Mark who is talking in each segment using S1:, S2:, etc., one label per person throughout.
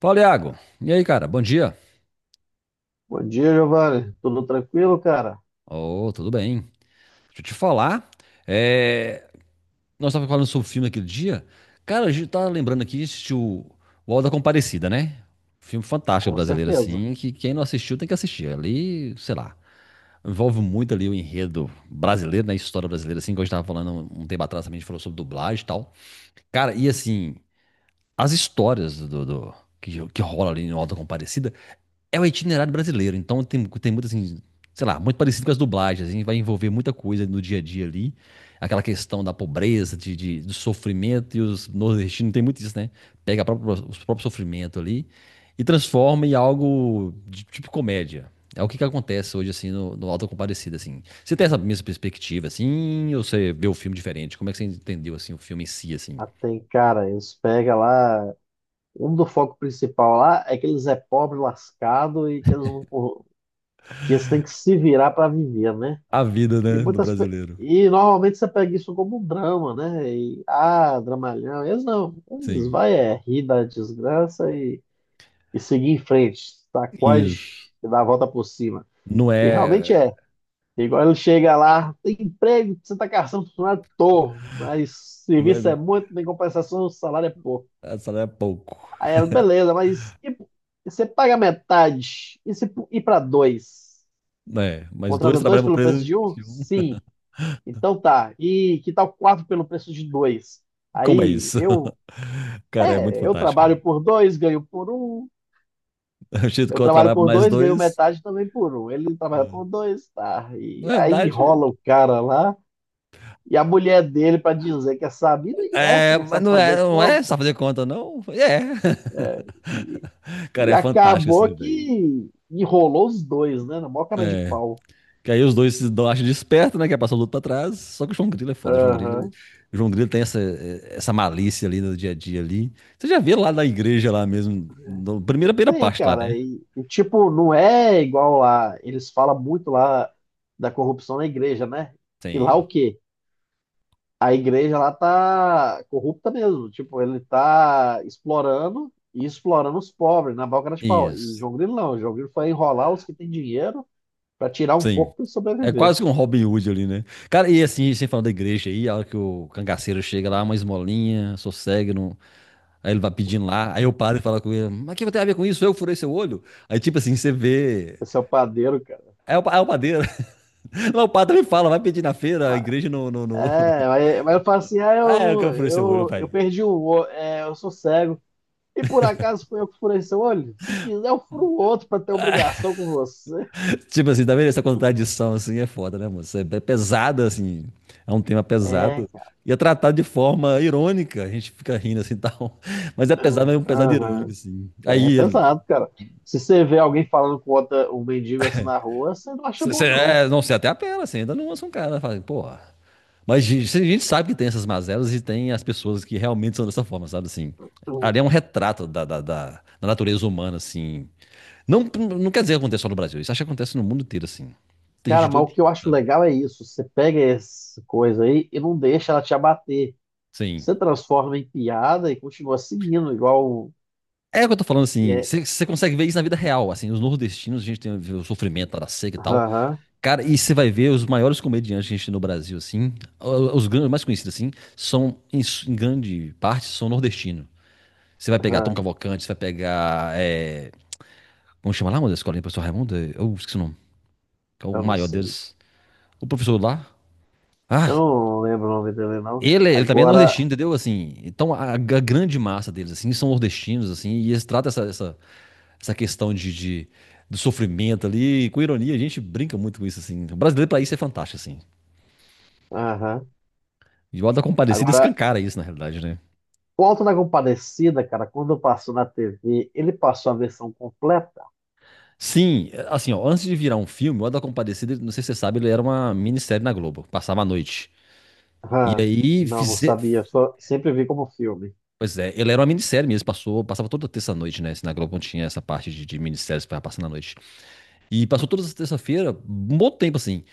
S1: Fala, Iago. E aí, cara? Bom dia.
S2: Bom dia, Giovanni. Tudo tranquilo, cara?
S1: Oh, tudo bem? Deixa eu te falar. é, Nós estávamos falando sobre o filme aquele dia. Cara, a gente tá lembrando aqui, assistiu o Auto da Compadecida, né? Filme fantástico
S2: Com
S1: brasileiro,
S2: certeza.
S1: assim, que quem não assistiu tem que assistir. Ali, sei lá, envolve muito ali o enredo brasileiro, né? A história brasileira, assim, que a gente tava falando um tempo atrás também, a gente falou sobre dublagem e tal. Cara, e assim, as histórias que rola ali no Auto da Compadecida é o itinerário brasileiro, então tem, tem muito assim, sei lá, muito parecido com as dublagens, a gente vai envolver muita coisa no dia a dia ali. Aquela questão da pobreza, do sofrimento, e os nordestinos tem muito isso, né? Pega a própria, os próprios sofrimentos ali e transforma em algo de tipo comédia. É o que, que acontece hoje, assim, no Auto da Compadecida, assim. Você tem essa mesma perspectiva, assim, ou você vê o filme diferente? Como é que você entendeu, assim, o filme em si, assim?
S2: Ah, tem, cara, eles pegam lá. Um do foco principal lá é que eles é pobre, lascado e que eles não, que eles têm que se virar para viver, né?
S1: A vida,
S2: E
S1: né, do
S2: muitas pe-
S1: brasileiro.
S2: e normalmente você pega isso como um drama, né? E, ah, dramalhão. Eles não. Eles
S1: Sim.
S2: vai é rir da desgraça e seguir em frente.
S1: Isso.
S2: Sacode e dar a volta por cima.
S1: Não
S2: E realmente
S1: é...
S2: é. Igual ele chega lá, tem emprego, você tá caçando funcionário, tô, mas
S1: não
S2: serviço
S1: é-
S2: é muito, tem compensação, o salário é pouco.
S1: É, salário é pouco.
S2: Aí ela, beleza, mas e você paga metade, e se ir para dois?
S1: Né? Mas dois
S2: Contrata dois
S1: trabalham por
S2: pelo preço
S1: preço
S2: de um?
S1: de um.
S2: Sim. Então tá, e que tal quatro pelo preço de dois?
S1: Como é
S2: Aí
S1: isso?
S2: eu,
S1: Cara, é muito
S2: é, eu
S1: fantástico, velho.
S2: trabalho por dois, ganho por um,
S1: O jeito que
S2: eu
S1: eu
S2: trabalho
S1: trabalho por
S2: por
S1: mais
S2: dois, ganho
S1: dois.
S2: metade também por um. Ele trabalha
S1: Ah.
S2: por dois, tá,
S1: Na
S2: e aí
S1: verdade,
S2: rola o cara lá. E a mulher dele para dizer que é sabido, e é, você
S1: é,
S2: não
S1: mas
S2: sabe
S1: não é,
S2: fazer
S1: não é só
S2: conta.
S1: fazer conta, não. É.
S2: É, e,
S1: Cara,
S2: e
S1: é fantástico
S2: acabou
S1: assim, velho.
S2: que enrolou os dois, né? Na maior cara de
S1: É.
S2: pau.
S1: Que aí os dois se acham desperto, né? Que é passar o luto pra trás. Só que o João Grilo é foda. O João Grilo,
S2: Aham.
S1: o João Grilo tem essa, essa malícia ali no dia a dia ali. Você já vê lá na igreja lá mesmo, no, primeira
S2: Tem,
S1: parte lá,
S2: cara.
S1: né?
S2: E, tipo, não é igual lá. Eles falam muito lá da corrupção na igreja, né? E lá
S1: Tem
S2: o quê? A igreja lá tá corrupta mesmo. Tipo, ele tá explorando e explorando os pobres na maior cara de pau. E
S1: isso.
S2: João Grilo não. João Grilo foi enrolar os que têm dinheiro para tirar um
S1: Sim.
S2: pouco para
S1: É
S2: sobreviver.
S1: quase que um Robin Hood ali, né? Cara, e assim, sem falar da igreja aí, a hora que o cangaceiro chega lá, uma esmolinha, sossegue, não... Aí ele vai pedindo lá, aí eu paro e falo com ele, mas o que tem a ver com isso? Eu furei seu olho? Aí tipo assim, você vê...
S2: Esse é o padeiro, cara.
S1: É é o padeiro. Lá o padre me fala, vai pedir na feira, a
S2: Mas,
S1: igreja no...
S2: é, mas, mas eu falo assim, ah,
S1: Ah, é o que
S2: eu,
S1: eu furei seu olho,
S2: eu, eu
S1: pai.
S2: perdi o olho, é, eu sou cego. E por acaso foi eu que furei seu olho? Se quiser, eu furo o outro pra ter obrigação com você.
S1: Tipo assim, tá vendo, essa contradição assim é foda, né, moço? É pesada, assim, é um tema
S2: É,
S1: pesado. E é tratado de forma irônica, a gente fica rindo assim e tal. Mas é pesado, mas
S2: cara.
S1: é um pesado irônico,
S2: Aham.
S1: assim. Aí
S2: É
S1: ele.
S2: pesado, cara. Se você vê alguém falando com outra, um mendigo assim na rua, você não acha bom, não.
S1: É, não sei, até apela, assim, ainda não lança um cara, fala, porra. A gente sabe que tem essas mazelas e tem as pessoas que realmente são dessa forma, sabe assim? Ali é um retrato da natureza humana, assim. Não, não quer dizer que acontece só no Brasil, isso acho que acontece no mundo inteiro, assim. Tem gente
S2: Cara,
S1: de
S2: mas
S1: todo
S2: o que eu
S1: tipo,
S2: acho
S1: sabe?
S2: legal é isso. Você pega essa coisa aí e não deixa ela te abater.
S1: Sim.
S2: Você transforma em piada e continua seguindo, igual.
S1: É o que eu tô falando assim,
S2: É,
S1: você consegue ver isso na vida real, assim, os nordestinos, a gente tem o sofrimento lá da seca e tal.
S2: aham.
S1: Cara, e você vai ver os maiores comediantes que a gente tem no Brasil, assim, mais conhecidos, assim, são, em grande parte, são nordestinos. Você vai pegar Tom
S2: Aham,
S1: Cavalcante, você vai pegar, é, como chama lá, meu Deus, escolinha, professor Raimundo? Eu esqueci o nome, que é o
S2: eu não
S1: maior
S2: sei.
S1: deles. O professor lá,
S2: Eu
S1: ah,
S2: não lembro o nome dele, não.
S1: ele também é
S2: Agora,
S1: nordestino, entendeu? Assim, então a grande massa deles, assim, são nordestinos, assim, e eles tratam essa essa questão do sofrimento ali. E, com ironia, a gente brinca muito com isso, assim. O brasileiro, pra isso, é fantástico, assim.
S2: aham.
S1: E o Auto da Compadecida
S2: Agora,
S1: escancara isso, na realidade, né?
S2: o Alto da Compadecida, cara, quando passou na TV, ele passou a versão completa?
S1: Sim, é, assim, ó, antes de virar um filme, o Auto da Compadecida, não sei se você sabe, ele era uma minissérie na Globo, passava a noite. E
S2: Aham.
S1: aí,
S2: Não, não
S1: fizer...
S2: sabia. Só sempre vi como filme.
S1: Pois é, ele era uma minissérie mesmo, passou, passava toda terça-noite, né? Se na Globo não tinha essa parte de minisséries pra passar na noite. E passou todas as terça-feira, um bom tempo, assim.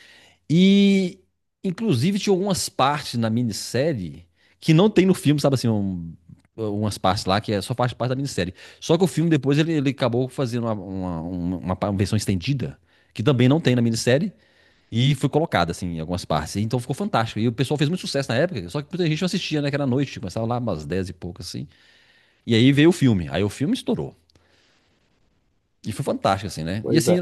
S1: E, inclusive, tinha algumas partes na minissérie que não tem no filme, sabe assim, umas partes lá que é só faz parte da minissérie. Só que o filme depois ele acabou fazendo uma versão estendida, que também não tem na minissérie, e foi colocada, assim, em algumas partes. Então ficou fantástico. E o pessoal fez muito sucesso na época, só que muita gente não assistia, né, que era noite, começava lá umas 10 e pouco, assim. E aí veio o filme, aí o filme estourou. E foi fantástico, assim, né? E
S2: Pois
S1: assim,
S2: é.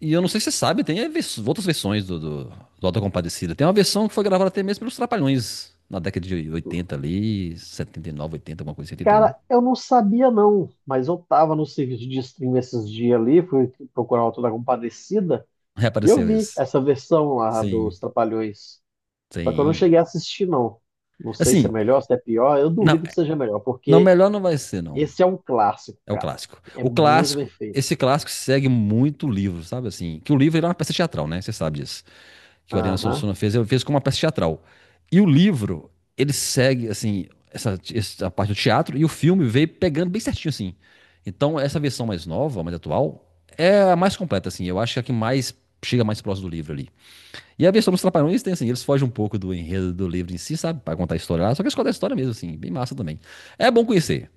S1: e eu não sei se você sabe, tem outras versões do Auto da Compadecida. Tem uma versão que foi gravada até mesmo pelos Trapalhões, na década de 80 ali, setenta e nove, 80 alguma coisa, setenta e um.
S2: Cara, eu não sabia, não. Mas eu tava no serviço de stream esses dias ali, fui procurar o Alto da Compadecida, e eu
S1: Reapareceu
S2: vi
S1: esse.
S2: essa versão lá dos
S1: Sim.
S2: Trapalhões. Só que eu não
S1: Sim.
S2: cheguei a assistir, não. Não sei se é
S1: Assim,
S2: melhor, se é pior. Eu
S1: não,
S2: duvido que seja melhor,
S1: não,
S2: porque
S1: melhor não vai ser, não.
S2: esse é um clássico,
S1: É o
S2: cara.
S1: clássico.
S2: É
S1: O
S2: muito bem
S1: clássico,
S2: feito.
S1: esse clássico segue muito o livro, sabe? Assim, que o livro ele é uma peça teatral, né? Você sabe disso. Que o Ariano
S2: Aham.
S1: Suassuna fez, ele fez como uma peça teatral. E o livro, ele segue, assim, essa parte do teatro, e o filme veio pegando bem certinho, assim. Então, essa versão mais nova, mais atual, é a mais completa, assim. Eu acho que é a que mais chega mais próximo do livro ali. E a versão dos Trapalhões tem, assim, eles fogem um pouco do enredo do livro em si, sabe? Pra contar a história lá, só que eles contam a história mesmo, assim, bem massa também. É bom conhecer.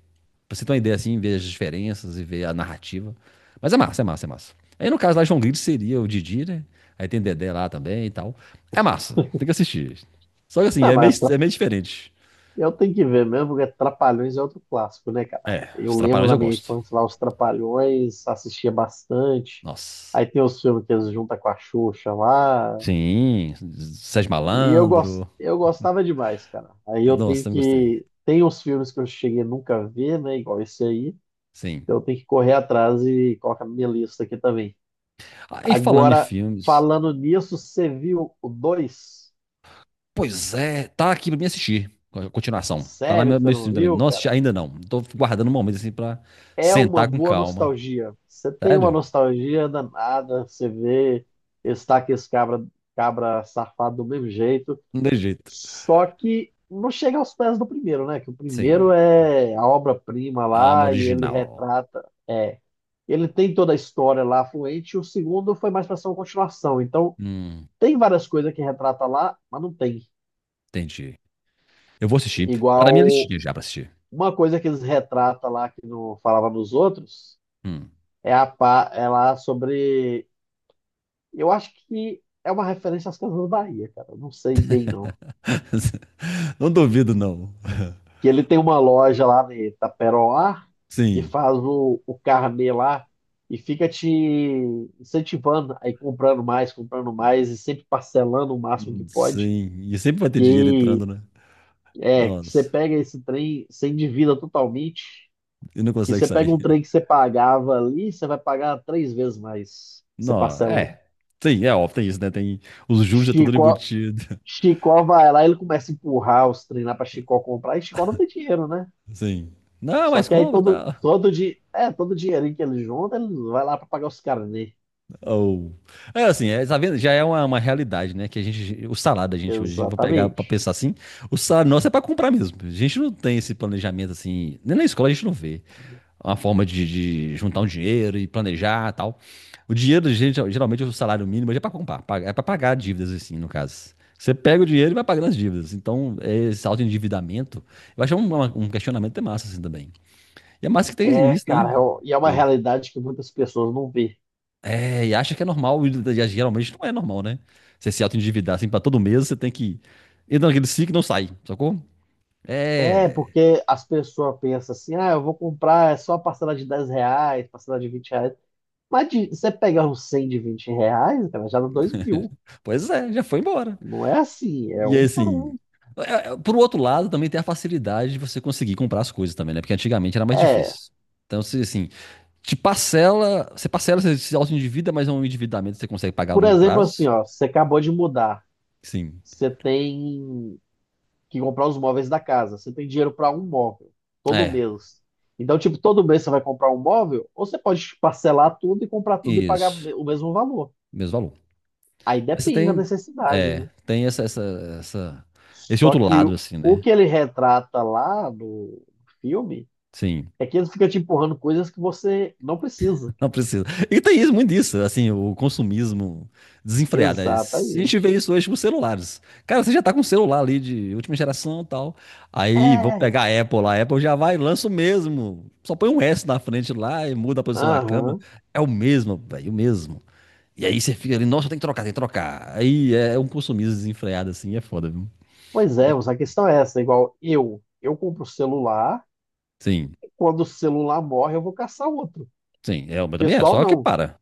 S1: Pra você ter uma ideia assim, ver as diferenças e ver a narrativa. Mas é massa, é massa, é massa. Aí no caso lá, João Grilo seria o Didi, né? Aí tem Dedé lá também e tal. É massa, tem que assistir. Só que assim,
S2: Não, mas
S1: é meio diferente.
S2: eu tenho que ver mesmo, porque Trapalhões é outro clássico, né, cara?
S1: É, os
S2: Eu lembro
S1: Trapalhões
S2: na
S1: eu
S2: minha
S1: gosto.
S2: infância lá os Trapalhões, assistia bastante.
S1: Nossa.
S2: Aí tem os filmes que eles juntam com a Xuxa lá.
S1: Sim, Sérgio
S2: E eu, gos-
S1: Malandro.
S2: eu gostava demais, cara. Aí eu
S1: Nossa,
S2: tenho
S1: também gostei.
S2: que. Tem os filmes que eu cheguei a nunca ver, né? Igual esse aí.
S1: Sim.
S2: Então eu tenho que correr atrás e colocar na minha lista aqui também.
S1: Aí falando em
S2: Agora,
S1: filmes,
S2: falando nisso, você viu o 2?
S1: pois é, tá aqui pra mim assistir. A continuação. Tá lá
S2: Sério que você
S1: meu
S2: não
S1: stream também.
S2: viu,
S1: Não assisti
S2: cara?
S1: ainda não. Tô guardando um momento assim pra
S2: É uma
S1: sentar com
S2: boa
S1: calma.
S2: nostalgia. Você tem uma
S1: Sério?
S2: nostalgia danada, você vê Estaques cabra, cabra safado do mesmo jeito,
S1: Não tem jeito.
S2: só que não chega aos pés do primeiro, né? Que o primeiro
S1: Sim,
S2: é a obra-prima
S1: a alma
S2: lá e ele
S1: original.
S2: retrata. É, ele tem toda a história lá fluente, e o segundo foi mais para ser uma continuação. Então,
S1: Hum,
S2: tem várias coisas que retrata lá, mas não tem.
S1: entendi. Eu vou assistir. Tá na minha
S2: Igual
S1: listinha já pra assistir.
S2: uma coisa que eles retratam lá que não falava nos outros.
S1: Hum.
S2: É a pá, ela sobre. Eu acho que é uma referência às Casas Bahia, cara. Eu não sei bem, não.
S1: Não duvido, não.
S2: Que ele tem uma loja lá em Itaperoá que
S1: Sim,
S2: faz o carnê lá e fica te incentivando aí comprando mais e sempre parcelando o máximo que pode.
S1: sim. E sempre vai ter dinheiro
S2: Que
S1: entrando, né?
S2: é que você
S1: Nossa,
S2: pega esse trem, você endivida totalmente.
S1: e não
S2: Que
S1: consegue
S2: você pega
S1: sair.
S2: um trem que você pagava ali, você vai pagar 3 vezes mais. Você
S1: Não,
S2: parcelando.
S1: é. Sim, é óbvio, tem isso, né? Tem os juros já tudo
S2: Chico,
S1: embutido.
S2: Chicó vai lá, ele começa a empurrar os trem lá pra Chicó comprar, e Chicó não tem dinheiro, né?
S1: Sim. Não,
S2: Só
S1: mas
S2: que aí
S1: compra,
S2: todo,
S1: tá?
S2: todo, di... é, todo dinheirinho que ele junta, ele vai lá pra pagar os caras, né?
S1: Ou. É assim, é, tá vendo? Já é uma realidade, né? Que a gente. O salário da gente hoje, vou pegar pra
S2: Exatamente.
S1: pensar assim, o salário nosso é pra comprar mesmo. A gente não tem esse planejamento assim. Nem na escola a gente não vê. Uma forma de juntar um dinheiro e planejar e tal. O dinheiro, gente, geralmente, o salário mínimo hoje é pra comprar, é pra pagar dívidas, assim, no caso. Você pega o dinheiro e vai pagando as dívidas. Então, é, esse autoendividamento, eu acho um questionamento até massa, assim, também. E é massa que tem
S2: É,
S1: isso, né?
S2: cara, é uma realidade que muitas pessoas não vê.
S1: É, e acha que é normal, e geralmente não é normal, né? Você se auto-endividar assim pra todo mês, você tem que entra naquele ciclo e não sai, sacou?
S2: É,
S1: É,
S2: porque as pessoas pensam assim, ah, eu vou comprar é só parcela de R$ 10, parcela de R$ 20. Mas de, você pegar um 100 de R$ 20, cara, já dá 2 mil.
S1: pois é, já foi embora.
S2: Não é assim, é
S1: E aí,
S2: um por
S1: assim,
S2: um.
S1: é, por outro lado, também tem a facilidade de você conseguir comprar as coisas também, né? Porque antigamente era mais
S2: É,
S1: difícil. Então, se assim, te parcela, você se auto-endivida, mas é um endividamento que você consegue pagar a
S2: por
S1: longo
S2: exemplo, assim,
S1: prazo.
S2: ó, você acabou de mudar.
S1: Sim.
S2: Você tem que comprar os móveis da casa. Você tem dinheiro para um móvel todo
S1: É,
S2: mês. Então, tipo, todo mês você vai comprar um móvel, ou você pode parcelar tudo e comprar tudo e pagar
S1: isso.
S2: o mesmo valor.
S1: Mesmo valor.
S2: Aí
S1: Você
S2: depende da
S1: tem,
S2: necessidade, né?
S1: é, tem essa- esse
S2: Só
S1: outro
S2: que
S1: lado,
S2: o
S1: assim,
S2: o
S1: né?
S2: que ele retrata lá no filme
S1: Sim,
S2: é que ele fica te empurrando coisas que você não precisa.
S1: não precisa. E tem isso, muito isso, assim, o consumismo desenfreado, né? Se a gente vê
S2: Exatamente.
S1: isso hoje com celulares. Cara, você já tá com um celular ali de última geração e tal. Aí, vamos pegar
S2: É.
S1: a Apple lá. A Apple já vai, e lança o mesmo. Só põe um S na frente lá e muda a posição da câmera.
S2: Aham.
S1: É o mesmo, velho, o mesmo. E aí você fica ali, nossa, tem que trocar, tem que trocar. Aí é um consumismo desenfreado, assim, é foda, viu?
S2: Pois é, mas a questão é essa, igual eu. Eu compro o celular,
S1: Sim,
S2: quando o celular morre, eu vou caçar outro.
S1: sim, é, mas também é,
S2: Pessoal,
S1: só que
S2: não. O
S1: para.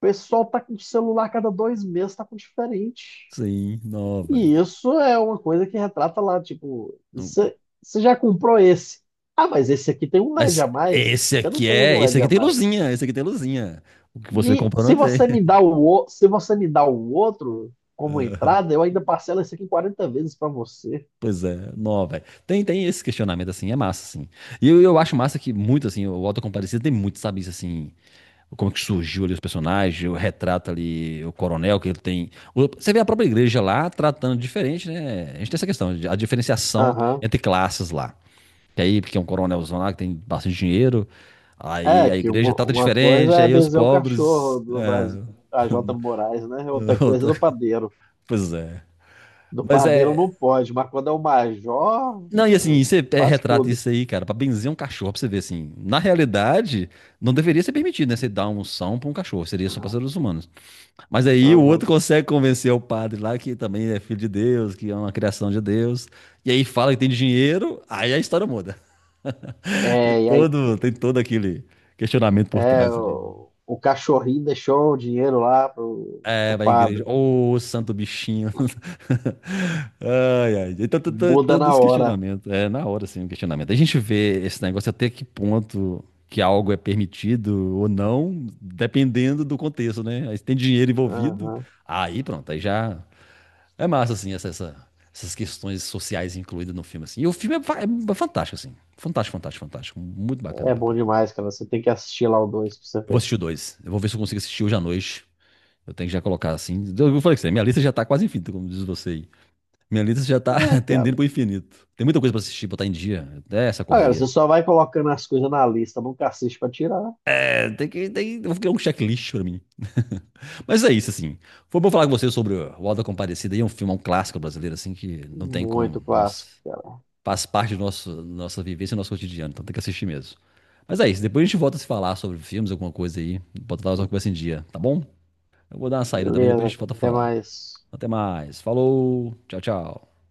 S2: pessoal tá com celular cada 2 meses, tá com diferente.
S1: Sim, não, velho.
S2: E isso é uma coisa que retrata lá, tipo,
S1: Não-
S2: você já comprou esse. Ah, mas esse aqui tem um LED
S1: Mas
S2: a mais.
S1: esse
S2: Você não
S1: aqui
S2: tem um
S1: é. Esse
S2: LED
S1: aqui
S2: a
S1: tem
S2: mais.
S1: luzinha, esse aqui tem luzinha. O que você
S2: E
S1: comprou não
S2: se
S1: dizer.
S2: você me dá o outro como entrada, eu ainda parcelo esse aqui em 40 vezes para você.
S1: Pois é, não, velho. Tem, tem esse questionamento, assim, é massa, assim. E eu acho massa que muito, assim, o Auto da Compadecida tem muito, sabe, isso, assim, como que surgiu ali os personagens, o retrato ali, o coronel que ele tem. Você vê a própria igreja lá tratando diferente, né? A gente tem essa questão, a diferenciação
S2: Aham.
S1: entre classes lá. Que aí, porque é um coronelzão lá que tem bastante dinheiro, aí
S2: É,
S1: a
S2: que
S1: igreja
S2: uma,
S1: trata
S2: uma coisa
S1: diferente,
S2: é
S1: aí os
S2: benzer o
S1: pobres.
S2: cachorro do Brasil, a Jota Moraes, né? Outra coisa é
S1: Outra-
S2: do padeiro.
S1: Pois é.
S2: Do
S1: Mas
S2: padeiro
S1: é.
S2: não pode, mas quando é o major,
S1: Não, e
S2: ah,
S1: assim, você é,
S2: faz
S1: retrata
S2: tudo.
S1: isso aí, cara, pra benzer um cachorro, pra você ver assim. Na realidade, não deveria ser permitido, né? Você dar um são pra um cachorro, seria só pra seres humanos. Mas aí o
S2: Aham.
S1: outro consegue convencer o padre lá que também é filho de Deus, que é uma criação de Deus. E aí fala que tem dinheiro, aí a história muda.
S2: É, e aí,
S1: Tem todo aquele questionamento por
S2: é,
S1: trás ali.
S2: o, o cachorrinho deixou o dinheiro lá pro,
S1: É,
S2: pro
S1: vai à igreja.
S2: padre.
S1: Ô, santo bichinho. Ai, ai. Então,
S2: Muda
S1: todo
S2: na
S1: esse
S2: hora.
S1: questionamento. É, na hora, assim, o questionamento. A gente vê esse negócio até que ponto que algo é permitido ou não, dependendo do contexto, né? Aí se tem dinheiro envolvido,
S2: Aham.
S1: aí pronto, aí já. É massa, assim, essas questões sociais incluídas no filme, assim. E o filme é, é fantástico, assim. Fantástico, fantástico, fantástico. Muito bacana,
S2: É bom
S1: bacana.
S2: demais, cara. Você tem que assistir lá o 2 pra você
S1: Eu vou
S2: ver.
S1: assistir o dois. Eu vou ver se eu consigo assistir hoje à noite. Eu tenho que já colocar assim. Eu falei que minha lista já tá quase infinita, como diz você aí. Minha lista já tá
S2: É, cara.
S1: tendendo pro infinito. Tem muita coisa pra assistir, botar em dia. É essa
S2: Agora você
S1: correria.
S2: só vai colocando as coisas na lista, nunca assiste pra tirar.
S1: É, tem que. Tem, eu vou criar um checklist pra mim. Mas é isso, assim. Foi bom falar com você sobre o Alda Comparecida. Aí é um filme, é um clássico brasileiro, assim, que não tem
S2: Muito
S1: como. Nossa,
S2: clássico, cara.
S1: faz parte do nosso, nossa vivência, do nosso cotidiano. Então tem que assistir mesmo. Mas é isso. Depois a gente volta a se falar sobre filmes, alguma coisa aí. Botar nossa conversa em dia, tá bom? Eu vou dar uma saída também, depois a
S2: Beleza,
S1: gente
S2: cara.
S1: volta a
S2: Até
S1: falar.
S2: mais.
S1: Até mais. Falou. Tchau, tchau.